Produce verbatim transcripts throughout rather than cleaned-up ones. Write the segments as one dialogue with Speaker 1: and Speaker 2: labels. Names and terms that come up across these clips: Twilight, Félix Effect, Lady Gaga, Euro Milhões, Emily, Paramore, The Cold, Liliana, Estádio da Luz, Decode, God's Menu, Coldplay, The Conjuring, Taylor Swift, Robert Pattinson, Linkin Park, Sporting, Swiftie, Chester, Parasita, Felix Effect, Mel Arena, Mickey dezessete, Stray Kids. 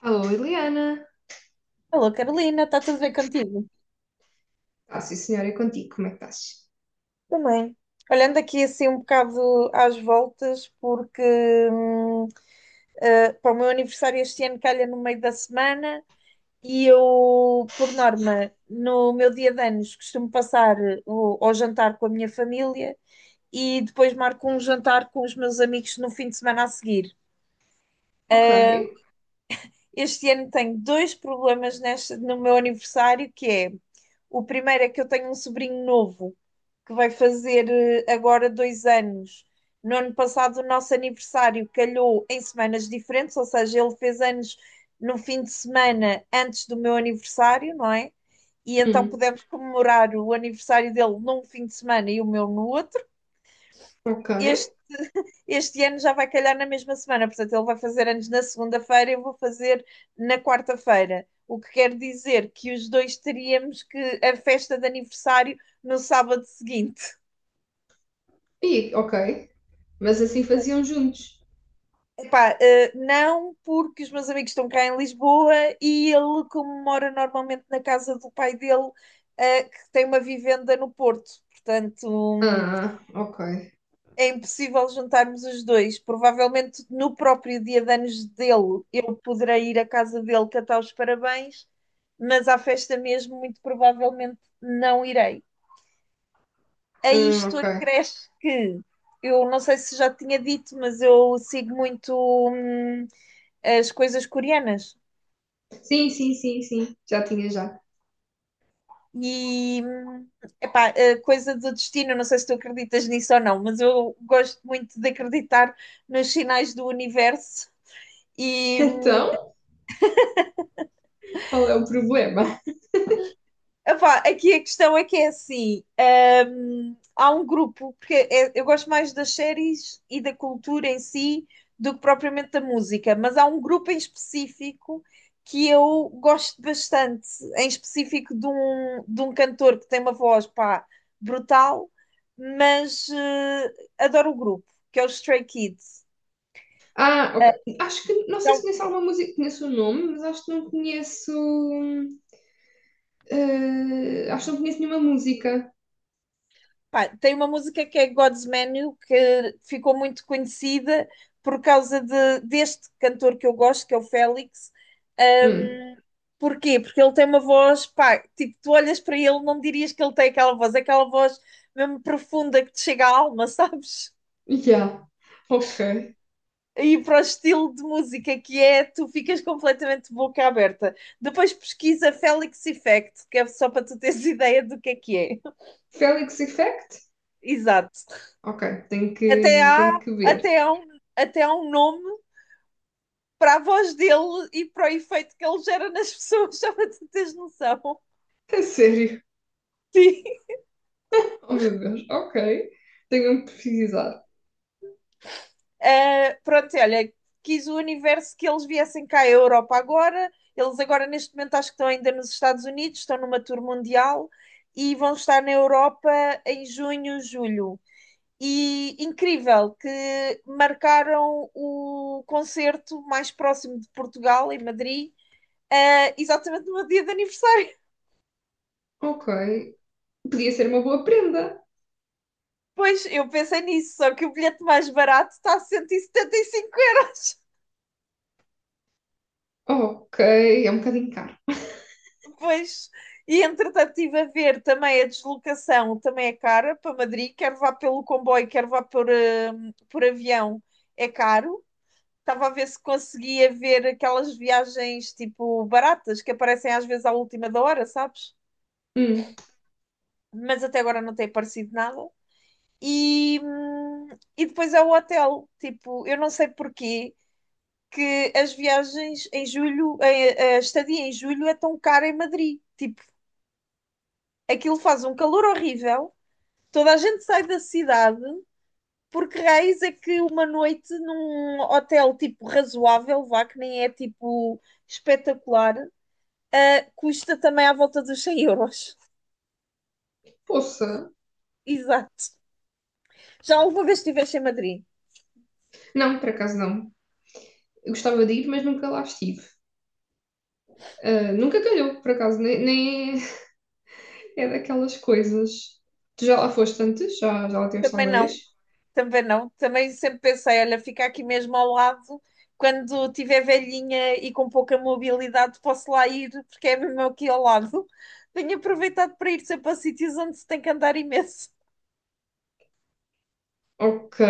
Speaker 1: Alô, Liliana.
Speaker 2: Alô, Carolina, está tudo bem contigo?
Speaker 1: Ah, sim, senhora, é contigo. Como é que estás?
Speaker 2: Também. Olhando aqui assim um bocado às voltas, porque hum, eh, para o meu aniversário este ano calha no meio da semana e eu, por norma, no meu dia de anos costumo passar o, ao jantar com a minha família e depois marco um jantar com os meus amigos no fim de semana a seguir.
Speaker 1: Ok.
Speaker 2: Este ano tenho dois problemas neste, no meu aniversário, que é o primeiro é que eu tenho um sobrinho novo que vai fazer eh, agora dois anos. No ano passado, o nosso aniversário calhou em semanas diferentes, ou seja, ele fez anos no fim de semana antes do meu aniversário, não é? E então
Speaker 1: Hum,
Speaker 2: pudemos comemorar o aniversário dele num fim de semana e o meu no outro.
Speaker 1: ok.
Speaker 2: Este, este ano já vai calhar na mesma semana, portanto, ele vai fazer anos na segunda-feira e eu vou fazer na quarta-feira. O que quer dizer que os dois teríamos que a festa de aniversário no sábado seguinte.
Speaker 1: E, ok. Mas assim faziam juntos.
Speaker 2: Epá, eh, não porque os meus amigos estão cá em Lisboa e ele, como mora normalmente na casa do pai dele, eh, que tem uma vivenda no Porto. Portanto, hum,
Speaker 1: Ah, ok.
Speaker 2: é impossível juntarmos os dois. Provavelmente no próprio dia de anos dele, eu poderei ir à casa dele cantar os parabéns, mas à festa mesmo, muito provavelmente não irei. A
Speaker 1: Hum,
Speaker 2: isto
Speaker 1: ok.
Speaker 2: acresce que eu não sei se já tinha dito, mas eu sigo muito hum, as coisas coreanas.
Speaker 1: Sim, sim, sim, sim. Já tinha já.
Speaker 2: E epá, a coisa do destino, não sei se tu acreditas nisso ou não, mas eu gosto muito de acreditar nos sinais do universo e,
Speaker 1: Então, qual é o problema?
Speaker 2: epá, aqui a questão é que é assim: hum, há um grupo, porque é- eu gosto mais das séries e da cultura em si do que propriamente da música, mas há um grupo em específico que eu gosto bastante, em específico de um, de um cantor que tem uma voz, pá, brutal, mas eh, adoro o grupo, que é o Stray Kids.
Speaker 1: Ah, ok. Acho que não sei se conheço alguma música, conheço o nome, mas acho que não conheço. Hum, eh, acho que não conheço nenhuma música.
Speaker 2: Pá, tem uma música que é God's Menu que ficou muito conhecida por causa de, deste cantor que eu gosto, que é o Félix.
Speaker 1: Hum,
Speaker 2: Ahm, Porquê? Porque ele tem uma voz, pá, tipo, tu olhas para ele, não dirias que ele tem aquela voz, é aquela voz mesmo profunda que te chega à alma, sabes?
Speaker 1: yeah. Ok.
Speaker 2: E para o estilo de música que é, tu ficas completamente de boca aberta. Depois pesquisa Félix Effect, que é só para tu teres ideia do que é que é.
Speaker 1: Felix Effect?
Speaker 2: Exato.
Speaker 1: Ok, tenho
Speaker 2: Até
Speaker 1: que, tenho
Speaker 2: há,
Speaker 1: que ver.
Speaker 2: até há, um, até há um nome para a voz dele e para o efeito que ele gera nas pessoas, só para tu teres noção.
Speaker 1: É sério?
Speaker 2: Sim.
Speaker 1: Oh meu Deus, ok. Tenho mesmo que precisar.
Speaker 2: Eh, pronto, olha, quis o universo que eles viessem cá à Europa agora. Eles agora, neste momento, acho que estão ainda nos Estados Unidos, estão numa tour mundial e vão estar na Europa em junho, julho. E incrível que marcaram o concerto mais próximo de Portugal, em Madrid, eh, exatamente no meu dia de aniversário.
Speaker 1: Ok. Podia ser uma boa prenda.
Speaker 2: Pois, eu pensei nisso, só que o bilhete mais barato está a cento e e setenta e cinco euros.
Speaker 1: Ok, é um bocadinho caro.
Speaker 2: Pois, e entretanto estive a ver também a deslocação, também é cara para Madrid, quer vá pelo comboio, quer vá por, hum, por avião, é caro. Estava a ver se conseguia ver aquelas viagens tipo baratas que aparecem às vezes à última da hora, sabes?
Speaker 1: Hum,
Speaker 2: Mas até agora não tem aparecido nada. E, hum, e depois é o hotel, tipo, eu não sei porquê, que as viagens em julho, a, a estadia em julho é tão cara em Madrid. Tipo, aquilo faz um calor horrível, toda a gente sai da cidade, porque raiz é que uma noite num hotel tipo razoável, vá, que nem é tipo espetacular, ah, custa também à volta dos cem euros.
Speaker 1: poça.
Speaker 2: Exato. Já alguma vez estiveste em Madrid?
Speaker 1: Não, por acaso não. Eu gostava de ir, mas nunca lá estive. Ah, nunca calhou, por acaso, nem, nem é daquelas coisas. Tu já lá foste antes? Já, já lá tiveste
Speaker 2: Também
Speaker 1: alguma vez?
Speaker 2: não. Também não. Também sempre pensei, olha, fica aqui mesmo ao lado. Quando tiver velhinha e com pouca mobilidade, posso lá ir, porque é mesmo aqui ao lado. Tenho aproveitado para ir sempre a sítios onde se tem que andar imenso.
Speaker 1: Ok.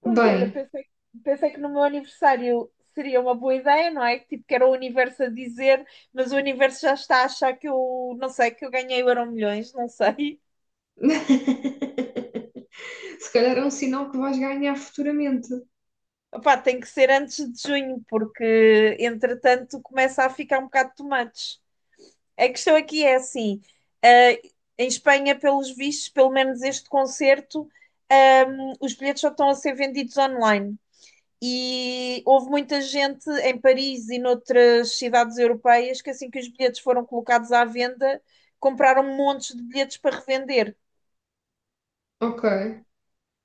Speaker 2: Pronto, olha,
Speaker 1: Bem.
Speaker 2: pensei, pensei que no meu aniversário seria uma boa ideia, não é? Tipo, que era o universo a dizer, mas o universo já está a achar que eu, não sei, que eu ganhei o Euro Milhões, não sei.
Speaker 1: Se calhar é um sinal que vais ganhar futuramente.
Speaker 2: Opá, tem que ser antes de junho, porque entretanto começa a ficar um bocado de tomates. A questão aqui é assim: eh, em Espanha, pelos vistos, pelo menos este concerto, ehm, os bilhetes só estão a ser vendidos online. E houve muita gente em Paris e noutras cidades europeias que, assim que os bilhetes foram colocados à venda, compraram montes de bilhetes para revender.
Speaker 1: Ok.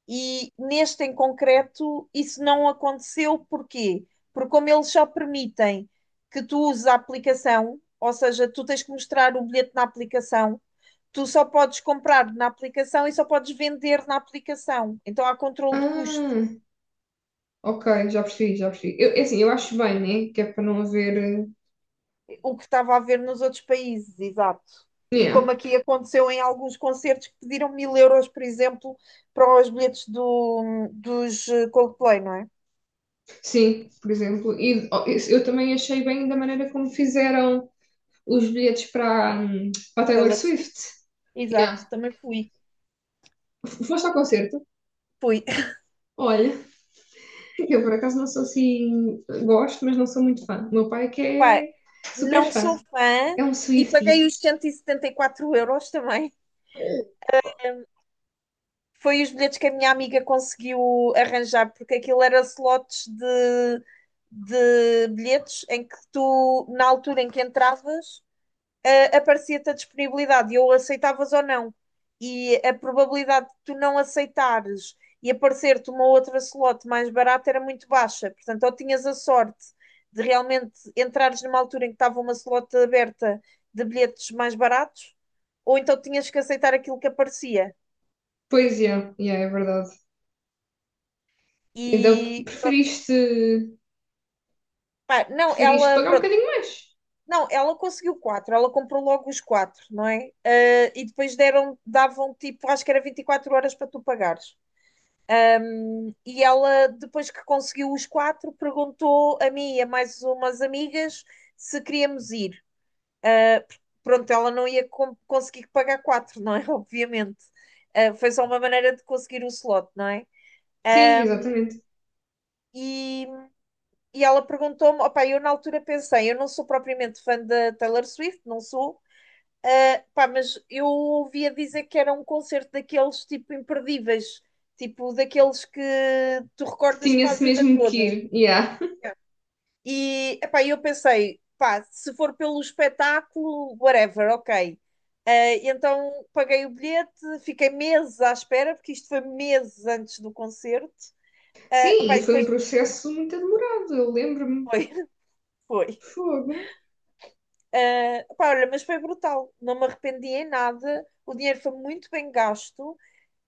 Speaker 2: E neste em concreto, isso não aconteceu. Porquê? Porque, como eles só permitem que tu uses a aplicação, ou seja, tu tens que mostrar o bilhete na aplicação, tu só podes comprar na aplicação e só podes vender na aplicação. Então há controle de custo,
Speaker 1: Ah, ok, já percebi, já percebi. Eu, é assim, eu acho bem, né? Que é para não haver.
Speaker 2: o que estava a haver nos outros países, exato.
Speaker 1: Eh,
Speaker 2: E
Speaker 1: yeah.
Speaker 2: como aqui aconteceu em alguns concertos que pediram mil euros, por exemplo, para os bilhetes do, dos eh, Coldplay, não é?
Speaker 1: Sim, por exemplo. E oh, isso eu também achei bem da maneira como fizeram os bilhetes para, hum, para a Taylor
Speaker 2: Taylor Swift?
Speaker 1: Swift.
Speaker 2: Exato,
Speaker 1: Yeah.
Speaker 2: também fui.
Speaker 1: F- Foste ao concerto?
Speaker 2: Fui.
Speaker 1: Olha, eu por acaso não sou assim. Gosto, mas não sou muito fã. O meu pai é que
Speaker 2: Epá,
Speaker 1: é super
Speaker 2: não sou
Speaker 1: fã.
Speaker 2: fã
Speaker 1: É um
Speaker 2: e paguei
Speaker 1: Swiftie.
Speaker 2: os cento e setenta e quatro euros também.
Speaker 1: Oh.
Speaker 2: Foi os bilhetes que a minha amiga conseguiu arranjar, porque aquilo era slots de, de bilhetes em que tu, na altura em que entravas, eh, aparecia-te a disponibilidade e ou aceitavas ou não. E a probabilidade de tu não aceitares e aparecer-te uma outra slot mais barata era muito baixa. Portanto, ou tinhas a sorte de realmente entrares numa altura em que estava uma slot aberta de bilhetes mais baratos, ou então tinhas que aceitar aquilo que aparecia.
Speaker 1: Pois é, yeah, é verdade. Então
Speaker 2: E
Speaker 1: preferiste,
Speaker 2: pá, não,
Speaker 1: preferiste
Speaker 2: ela,
Speaker 1: pagar um
Speaker 2: pronto,
Speaker 1: bocadinho mais.
Speaker 2: não, ela conseguiu quatro, ela comprou logo os quatro, não é? Ah, e depois deram, davam tipo, acho que era vinte e quatro horas para tu pagares. E ela, depois que conseguiu os quatro, perguntou a mim e a mais umas amigas se queríamos ir. Pronto, ela não ia com- conseguir pagar quatro, não é? Obviamente. Ah, foi só uma maneira de conseguir o slot, não é?
Speaker 1: Sim, exatamente.
Speaker 2: E, e ela perguntou-me, opá, eu na altura pensei, eu não sou propriamente fã da Taylor Swift, não sou. Ah, pá, mas eu ouvia dizer que era um concerto daqueles tipo imperdíveis, tipo daqueles que tu
Speaker 1: Que
Speaker 2: recordas para a
Speaker 1: tinha-se
Speaker 2: vida
Speaker 1: mesmo que
Speaker 2: toda.
Speaker 1: ir. Yeah.
Speaker 2: E epá, eu pensei, pá, se for pelo espetáculo, whatever, ok. Eh, e então paguei o bilhete, fiquei meses à espera, porque isto foi meses antes do concerto. Eh,
Speaker 1: Sim,
Speaker 2: epá,
Speaker 1: e
Speaker 2: e
Speaker 1: foi um
Speaker 2: depois
Speaker 1: processo muito demorado, eu lembro-me.
Speaker 2: foi, foi.
Speaker 1: Fogo.
Speaker 2: Eh, epá, olha, mas foi brutal, não me arrependi em nada, o dinheiro foi muito bem gasto.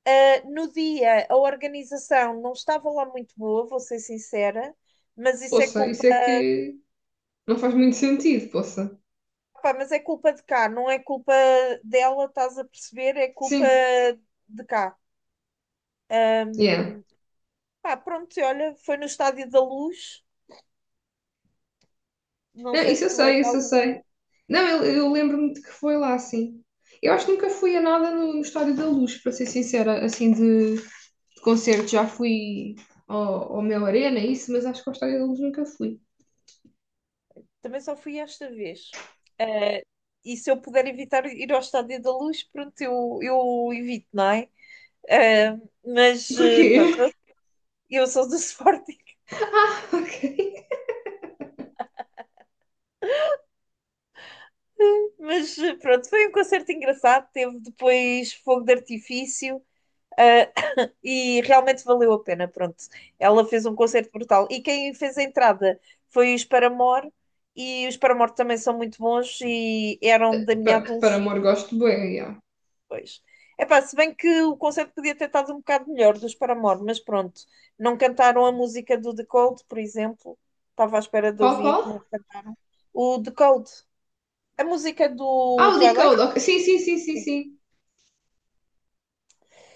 Speaker 2: Uh, no dia, a organização não estava lá muito boa, vou ser sincera, mas isso é
Speaker 1: Poça,
Speaker 2: culpa,
Speaker 1: isso é que não faz muito sentido, poça.
Speaker 2: pá, mas é culpa de cá, não é culpa dela, estás a perceber? É culpa
Speaker 1: Sim,
Speaker 2: de cá.
Speaker 1: yeah.
Speaker 2: Um, Pá, pronto, e olha, foi no Estádio da Luz, não
Speaker 1: Não,
Speaker 2: sei
Speaker 1: isso
Speaker 2: se
Speaker 1: eu
Speaker 2: tu
Speaker 1: sei,
Speaker 2: és de
Speaker 1: isso eu
Speaker 2: algum,
Speaker 1: sei. Não, eu, eu lembro-me de que foi lá, sim. Eu acho que nunca fui a nada no, no Estádio da Luz, para ser sincera, assim, de, de concerto. Já fui ao, ao Mel Arena, isso, mas acho que ao Estádio da Luz nunca fui.
Speaker 2: também só fui esta vez. Uh, e se eu puder evitar ir ao Estádio da Luz, pronto, eu, eu evito, não é? Uh, mas
Speaker 1: Porquê?
Speaker 2: uh, pronto, eu sou do Sporting.
Speaker 1: Ah, ok.
Speaker 2: Mas eh, pronto, foi um concerto engraçado. Teve depois fogo de artifício, ah, e realmente valeu a pena. Pronto, ela fez um concerto brutal. E quem fez a entrada foi os Paramore, e os Paramore também são muito bons e eram da minha
Speaker 1: Pa- para
Speaker 2: adolescência.
Speaker 1: amor, gosto bem, yeah.
Speaker 2: Pois. Epá, se bem que o concerto podia ter estado um bocado melhor dos Paramore, mas pronto, não cantaram a música do The Cold, por exemplo. Estava à espera de
Speaker 1: Qual,
Speaker 2: ouvir.
Speaker 1: qual?
Speaker 2: Não can- O The Cold, a música
Speaker 1: Ah,
Speaker 2: do
Speaker 1: o
Speaker 2: Twilight.
Speaker 1: Decode, ok. Sim, sim, sim, sim,
Speaker 2: Sim.
Speaker 1: sim.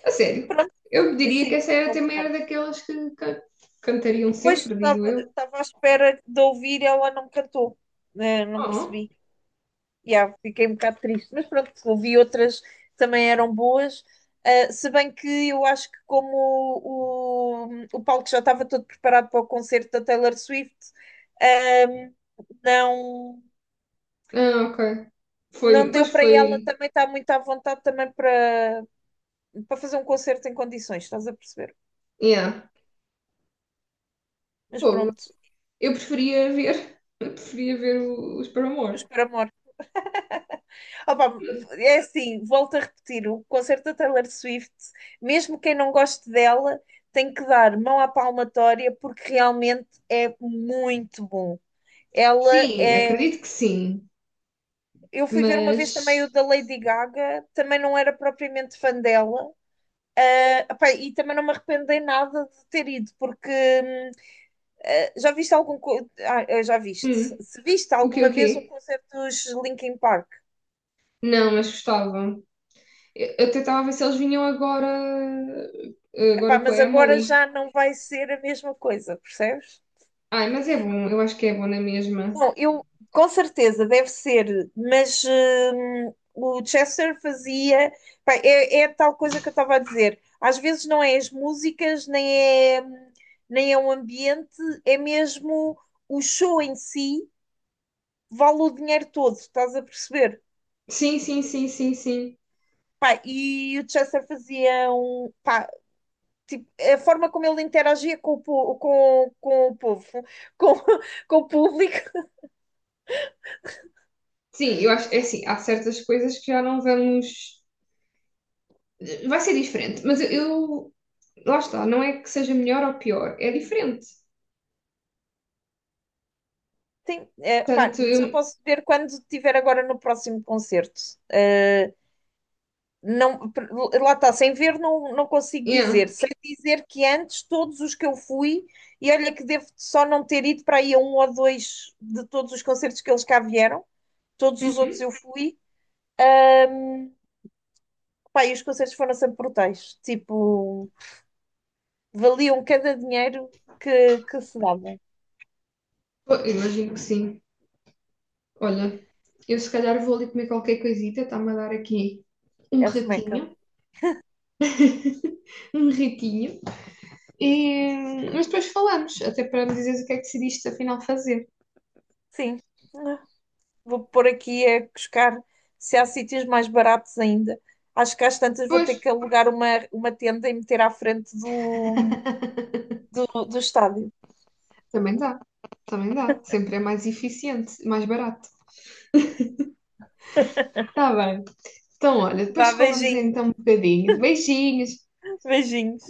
Speaker 1: A sério, eu diria que
Speaker 2: Sim,
Speaker 1: essa era
Speaker 2: não
Speaker 1: também era
Speaker 2: tocaram.
Speaker 1: daquelas que ca- cantariam
Speaker 2: Pois
Speaker 1: sempre, digo
Speaker 2: estava
Speaker 1: eu.
Speaker 2: estava à espera de ouvir e ela não cantou. Eh, Não
Speaker 1: Oh.
Speaker 2: percebi. Yeah, fiquei um bocado triste. Mas pronto, ouvi outras que também eram boas. Eh, se bem que eu acho que como o, o, o palco já estava todo preparado para o concerto da Taylor Swift, ehm, não,
Speaker 1: Ah, ok.
Speaker 2: não
Speaker 1: Foi,
Speaker 2: deu
Speaker 1: pois
Speaker 2: para ela
Speaker 1: foi.
Speaker 2: também estar muito à vontade também para, para fazer um concerto em condições, estás a perceber?
Speaker 1: Yeah,
Speaker 2: Mas
Speaker 1: fogo.
Speaker 2: pronto,
Speaker 1: Eu preferia ver, eu preferia ver o- os Paramore.
Speaker 2: os Paramore. Opa, é assim, volto a repetir, o concerto da Taylor Swift, mesmo quem não goste dela, tem que dar mão à palmatória porque realmente é muito bom. Ela
Speaker 1: Sim,
Speaker 2: é.
Speaker 1: acredito que sim,
Speaker 2: Eu fui ver uma vez também o
Speaker 1: mas
Speaker 2: da Lady Gaga, também não era propriamente fã dela. Ah, epá, e também não me arrependo em nada de ter ido, porque hum, ah, já viste algum. co- Ah, ah, já viste.
Speaker 1: hum,
Speaker 2: Se viste
Speaker 1: o quê,
Speaker 2: alguma
Speaker 1: o
Speaker 2: vez um
Speaker 1: quê?
Speaker 2: concerto dos Linkin Park?
Speaker 1: Não, mas gostava. Eu, eu tentava ver se eles vinham agora,
Speaker 2: Epá,
Speaker 1: agora com a
Speaker 2: mas agora
Speaker 1: Emily.
Speaker 2: já não vai ser a mesma coisa, percebes?
Speaker 1: Ai, mas é bom, eu acho que é bom na mesma.
Speaker 2: Bom, eu com certeza deve ser, mas hum, o Chester fazia. Pá, é, é tal coisa que eu estava a dizer. Às vezes não é as músicas, nem é, hum, nem é o ambiente, é mesmo o show em si, vale o dinheiro todo, estás a perceber?
Speaker 1: Sim, sim, sim, sim, sim.
Speaker 2: Pá, e o Chester fazia um. Pá, tipo, a forma como ele interagia com o, po- com, com o povo, com, com o público.
Speaker 1: Sim, eu acho, é assim, há certas coisas que já não vamos. Vai ser diferente, mas eu, eu- lá está, não é que seja melhor ou pior, é diferente.
Speaker 2: Sim, é, pá,
Speaker 1: Portanto,
Speaker 2: só
Speaker 1: eu,
Speaker 2: posso ver quando estiver agora no próximo concerto. Uh, não, per- lá está, sem ver não, não consigo
Speaker 1: yeah.
Speaker 2: dizer. Sei dizer que antes todos os que eu fui, e olha que devo só não ter ido para aí a um ou dois de todos os concertos que eles cá vieram, todos os outros
Speaker 1: Uhum.
Speaker 2: eu fui, pá, e os concertos foram sempre brutais. Tipo, valiam cada dinheiro que, que se dava.
Speaker 1: Pô, eu imagino que sim. Olha, eu se calhar vou ali comer qualquer coisita, está-me a dar aqui um
Speaker 2: É semeca.
Speaker 1: ratinho, um ratinho. E, mas depois falamos, até para me dizeres o que é que decidiste afinal fazer.
Speaker 2: Sim. Vou pôr aqui a buscar se há sítios mais baratos ainda. Acho que às tantas vou
Speaker 1: Pois,
Speaker 2: ter que alugar uma, uma tenda e meter à frente do, do, do estádio.
Speaker 1: também dá, também dá. Sempre é mais eficiente, mais barato. Está bem. Então, olha, depois
Speaker 2: Vá,
Speaker 1: falamos
Speaker 2: beijinho.
Speaker 1: então um bocadinho. Beijinhos.
Speaker 2: Beijinhos.